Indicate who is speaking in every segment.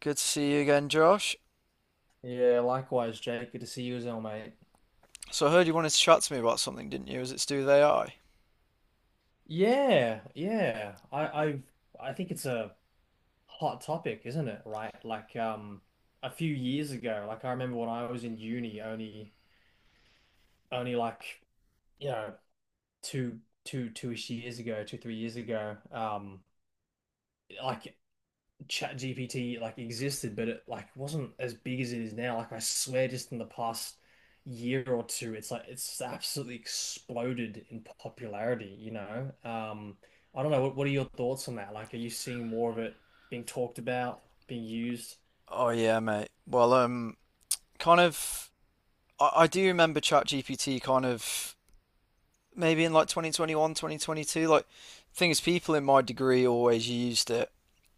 Speaker 1: Good to see you again, Josh.
Speaker 2: Yeah, likewise, Jake. Good to see you as well, mate.
Speaker 1: So I heard you wanted to chat to me about something, didn't you? Was it to do with AI?
Speaker 2: Yeah, yeah. I I think it's a hot topic, isn't it? Right? Like a few years ago, like I remember when I was in uni only like, you know, two two-ish years ago, two, 3 years ago, like Chat GPT like existed, but it like wasn't as big as it is now. Like I swear, just in the past year or two, it's like it's absolutely exploded in popularity, you know? I don't know, what are your thoughts on that? Like, are you seeing more of it being talked about, being used?
Speaker 1: Oh yeah, mate. Well, kind of. I do remember ChatGPT kind of maybe in like 2021, 2022. Like, thing is, people in my degree always used it,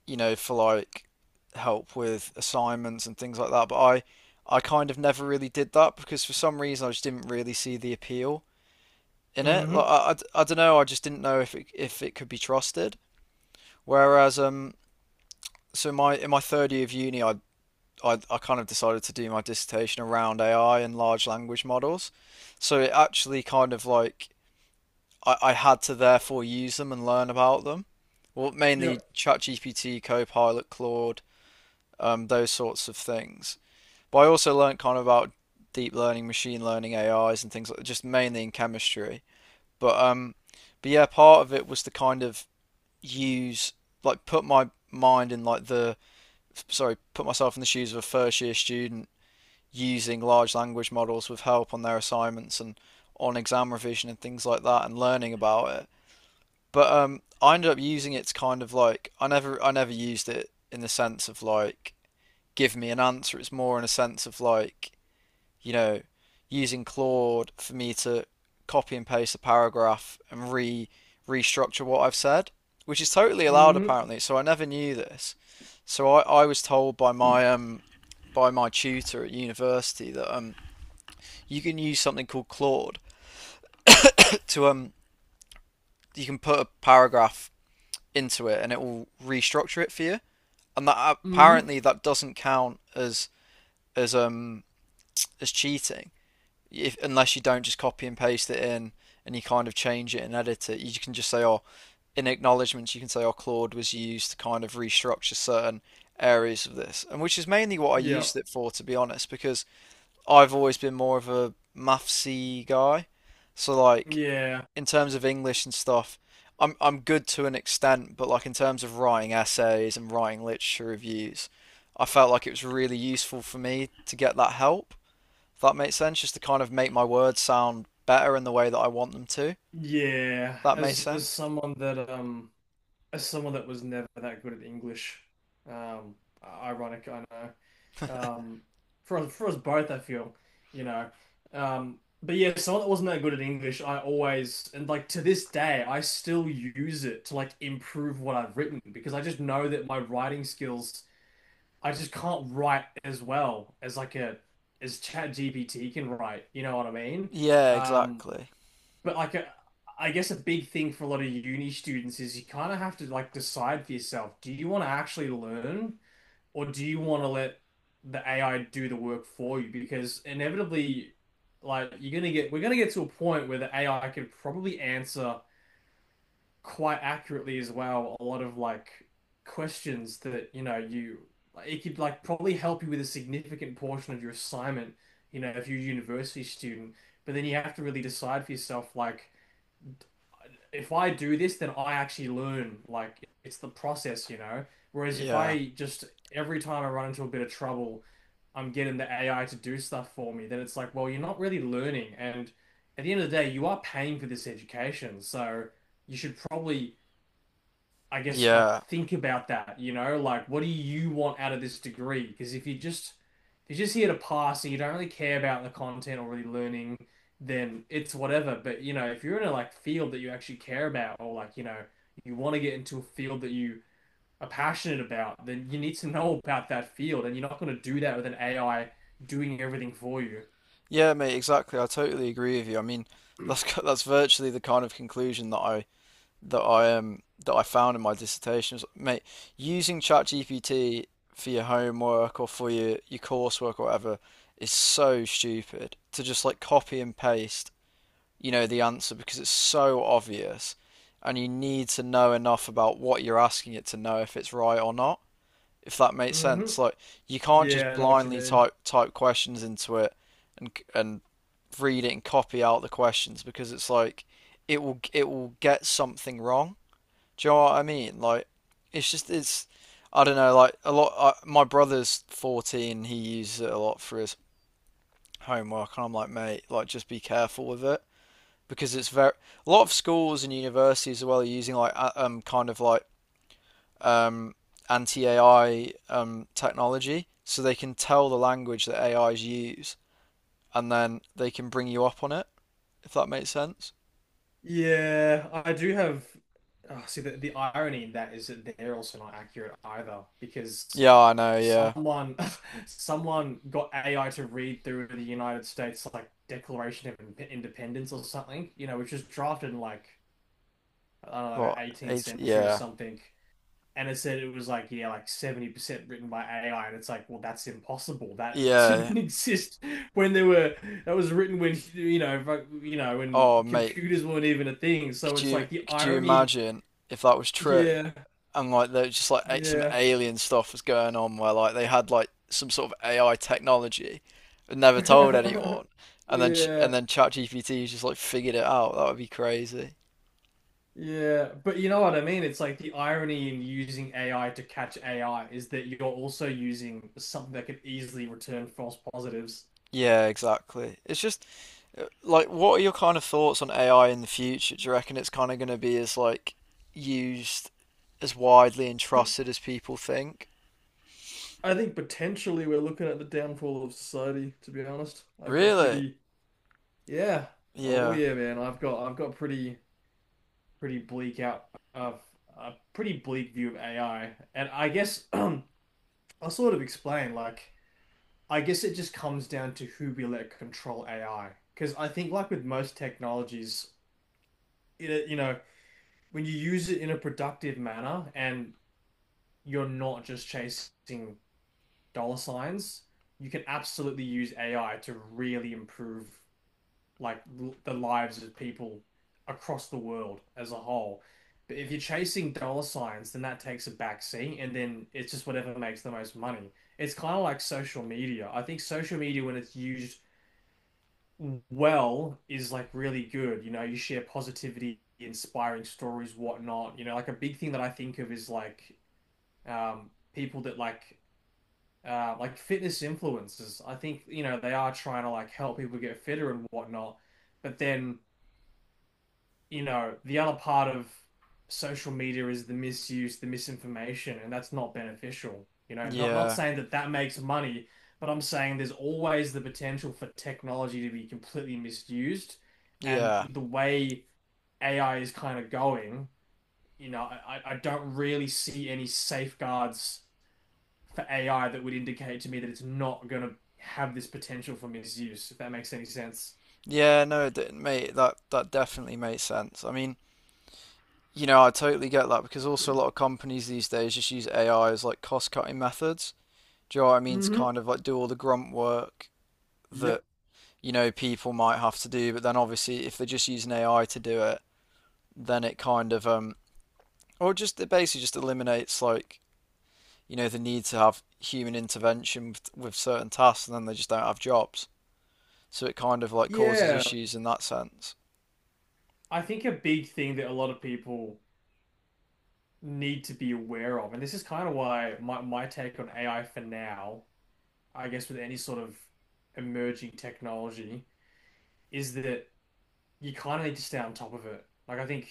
Speaker 1: you know, for like help with assignments and things like that. But I kind of never really did that because for some reason I just didn't really see the appeal in it. Like,
Speaker 2: Hmm.
Speaker 1: don't know. I just didn't know if it could be trusted. Whereas, so my in my third year of uni, I kind of decided to do my dissertation around AI and large language models. So it actually kind of like I had to therefore use them and learn about them. Well,
Speaker 2: Yeah.
Speaker 1: mainly ChatGPT, Copilot, Claude, those sorts of things. But I also learned kind of about deep learning, machine learning, AIs, and things like just mainly in chemistry. But um, but yeah, part of it was to kind of use like put my mind in put myself in the shoes of a first year student using large language models with help on their assignments and on exam revision and things like that and learning about it. But I ended up using it to kind of like I never used it in the sense of like give me an answer. It's more in a sense of like you know, using Claude for me to copy and paste a paragraph and re restructure what I've said, which is totally allowed
Speaker 2: Hmm.
Speaker 1: apparently. So I never knew this. So I was told by my tutor at university that you can use something called Claude to you can put a paragraph into it and it will restructure it for you. And that
Speaker 2: Hmm.
Speaker 1: apparently that doesn't count as as um cheating. If, unless you don't just copy and paste it in and you kind of change it and edit it, you can just say, oh, in acknowledgements, you can say, oh, Claude was used to kind of restructure certain areas of this, and which is mainly what I
Speaker 2: Yeah.
Speaker 1: used it for, to be honest, because I've always been more of a mathsy guy. So like
Speaker 2: Yeah.
Speaker 1: in terms of English and stuff, I'm good to an extent, but like in terms of writing essays and writing literature reviews, I felt like it was really useful for me to get that help. If that makes sense, just to kind of make my words sound better in the way that I want them to.
Speaker 2: Yeah.
Speaker 1: That makes
Speaker 2: As
Speaker 1: sense?
Speaker 2: someone that as someone that was never that good at English, um ironic, I know. um, for us both, I feel, you know. But yeah, someone that wasn't that good at English, I always and like to this day, I still use it to like improve what I've written because I just know that my writing skills, I just can't write as well as like a as ChatGPT can write. You know what I mean?
Speaker 1: Yeah,
Speaker 2: Um,
Speaker 1: exactly.
Speaker 2: but like a, I guess a big thing for a lot of uni students is you kind of have to like decide for yourself, do you want to actually learn? Or do you want to let the AI do the work for you? Because inevitably, we're gonna get to a point where the AI could probably answer quite accurately as well a lot of like questions that you know you like, it could like probably help you with a significant portion of your assignment, you know, if you're a university student. But then you have to really decide for yourself, like if I do this, then I actually learn. Like it's the process, you know? Whereas if
Speaker 1: Yeah.
Speaker 2: I just every time I run into a bit of trouble, I'm getting the AI to do stuff for me, then it's like, well, you're not really learning. And at the end of the day, you are paying for this education. So you should probably I guess like
Speaker 1: Yeah.
Speaker 2: think about that, you know, like what do you want out of this degree? Because if you're just here to pass and you don't really care about the content or really learning, then it's whatever. But you know, if you're in a like field that you actually care about or like, you know, you want to get into a field that you are passionate about, then you need to know about that field and you're not going to do that with an AI doing everything for you.
Speaker 1: Yeah, mate, exactly. I totally agree with you. I mean, that's that's virtually the kind of conclusion that I found in my dissertation. It's like, mate, using ChatGPT for your homework or for your coursework or whatever is so stupid to just like copy and paste you know the answer because it's so obvious, and you need to know enough about what you're asking it to know if it's right or not. If that makes
Speaker 2: Hmm.
Speaker 1: sense, like you can't
Speaker 2: Yeah,
Speaker 1: just
Speaker 2: I know what you
Speaker 1: blindly
Speaker 2: mean.
Speaker 1: type questions into it and read it and copy out the questions because it's like it will get something wrong. Do you know what I mean? Like it's just it's I don't know. Like my brother's 14. He uses it a lot for his homework, and I'm like, mate, like just be careful with it because it's very a lot of schools and universities as well are using like um kind of like um anti-AI technology so they can tell the language that AIs use and then they can bring you up on it if that makes sense.
Speaker 2: Yeah, I do have. Oh, see, the irony in that is that they're also not accurate either because
Speaker 1: Yeah, I know, yeah.
Speaker 2: someone someone got AI to read through the United States like Declaration of Independence or something, you know, which was drafted in like I don't know,
Speaker 1: What,
Speaker 2: the 18th
Speaker 1: eight
Speaker 2: century or
Speaker 1: yeah.
Speaker 2: something. And it said it was like, yeah, like 70% written by AI. And it's like, well, that's impossible. That
Speaker 1: Yeah.
Speaker 2: didn't exist when there were, that was written when, you know, when
Speaker 1: Oh mate,
Speaker 2: computers weren't even a thing. So
Speaker 1: could
Speaker 2: it's
Speaker 1: you
Speaker 2: like the
Speaker 1: could you
Speaker 2: irony.
Speaker 1: imagine if that was true?
Speaker 2: Yeah.
Speaker 1: And like there was just like some
Speaker 2: Yeah.
Speaker 1: alien stuff was going on where like they had like some sort of AI technology, but never told anyone, and then
Speaker 2: Yeah.
Speaker 1: and then ChatGPT just like figured it out. That would be crazy.
Speaker 2: Yeah. But you know what I mean? It's like the irony in using AI to catch AI is that you're also using something that could easily return false positives.
Speaker 1: Yeah, exactly. It's just like, what are your kind of thoughts on AI in the future? Do you reckon it's kind of going to be as like used as widely and trusted as people think?
Speaker 2: I think potentially we're looking at the downfall of society, to be honest.
Speaker 1: Really?
Speaker 2: Yeah. Oh
Speaker 1: Yeah,
Speaker 2: yeah, man. I've got pretty pretty bleak out of a pretty bleak view of AI. And I guess I'll sort of explain like I guess it just comes down to who we let control AI. Because I think like with most technologies, you know, when you use it in a productive manner and you're not just chasing dollar signs, you can absolutely use AI to really improve the lives of people across the world as a whole. But if you're chasing dollar signs, then that takes a back seat, and then it's just whatever makes the most money. It's kind of like social media. I think social media, when it's used well, is like really good. You know, you share positivity, inspiring stories, whatnot. You know, like a big thing that I think of is like people that like fitness influencers. I think, you know, they are trying to like help people get fitter and whatnot. But then, you know, the other part of social media is the misuse, the misinformation, and that's not beneficial. You know, not
Speaker 1: yeah,
Speaker 2: saying that that makes money, but I'm saying there's always the potential for technology to be completely misused. And
Speaker 1: yeah,
Speaker 2: with the way AI is kind of going, you know, I don't really see any safeguards for AI that would indicate to me that it's not going to have this potential for misuse, if that makes any sense.
Speaker 1: yeah. No, it didn't, mate. That that definitely makes sense. I mean. You know, I totally get that because also a lot of companies these days just use AI as like cost cutting methods. Do you know what I mean? To
Speaker 2: Mm-hmm.
Speaker 1: kind of like do all the grunt work that,
Speaker 2: Yep.
Speaker 1: you know, people might have to do, but then obviously if they're just using AI to do it, then it kind of or just it basically just eliminates like, you know, the need to have human intervention with certain tasks and then they just don't have jobs. So it kind of like causes
Speaker 2: Yeah,
Speaker 1: issues in that sense.
Speaker 2: I think a big thing that a lot of people need to be aware of, and this is kind of why my take on AI for now, I guess with any sort of emerging technology, is that you kind of need to stay on top of it. Like, I think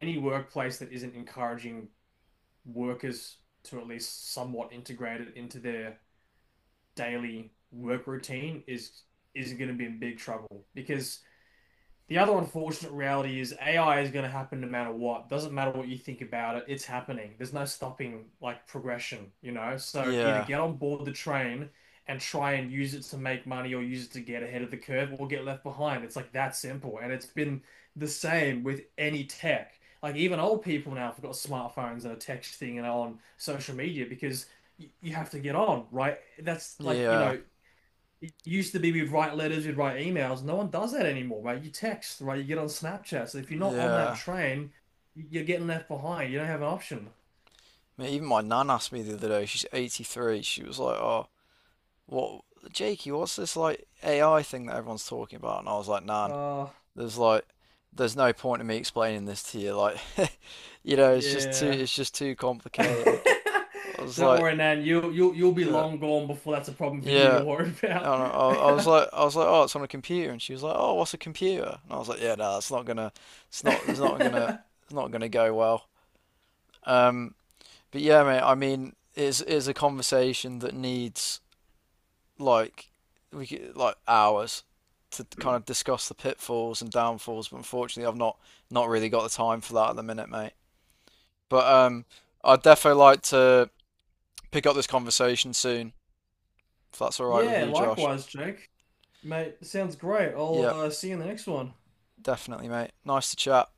Speaker 2: any workplace that isn't encouraging workers to at least somewhat integrate it into their daily work routine is going to be in big trouble because the other unfortunate reality is AI is going to happen no matter what. Doesn't matter what you think about it, it's happening. There's no stopping like progression, you know? So either
Speaker 1: Yeah.
Speaker 2: get on board the train and try and use it to make money or use it to get ahead of the curve or get left behind. It's like that simple. And it's been the same with any tech. Like even old people now have got smartphones and are texting and on social media because you have to get on, right? That's like, you
Speaker 1: Yeah.
Speaker 2: know, it used to be we'd write letters, we'd write emails. No one does that anymore, right? You text, right? You get on Snapchat. So if you're not on that
Speaker 1: Yeah.
Speaker 2: train, you're getting left behind. You don't have an option.
Speaker 1: I mean, even my nan asked me the other day, she's 83, she was like, "Oh, what Jakey, what's this like AI thing that everyone's talking about? And I was like, Nan,
Speaker 2: Uh,
Speaker 1: there's like there's no point in me explaining this to you. Like you know,
Speaker 2: yeah.
Speaker 1: it's just too complicated. I was
Speaker 2: Don't
Speaker 1: like,
Speaker 2: worry, Nan. You'll be
Speaker 1: yeah,
Speaker 2: long gone before that's a problem for you to
Speaker 1: yeah.
Speaker 2: worry
Speaker 1: I don't know.
Speaker 2: about.
Speaker 1: I was like, oh, it's on a computer, and she was like, oh, what's a computer? And I was like, yeah, no, it's not, it's not gonna, it's not gonna go well. Um, but yeah, mate. I mean, it's a conversation that needs like like hours to kind of discuss the pitfalls and downfalls, but unfortunately, I've not not really got the time for that at the minute, mate. But I'd definitely like to pick up this conversation soon, if that's all right with
Speaker 2: Yeah,
Speaker 1: you, Josh.
Speaker 2: likewise, Jake. Mate, sounds great. I'll
Speaker 1: Yeah,
Speaker 2: see you in the next one.
Speaker 1: definitely, mate. Nice to chat.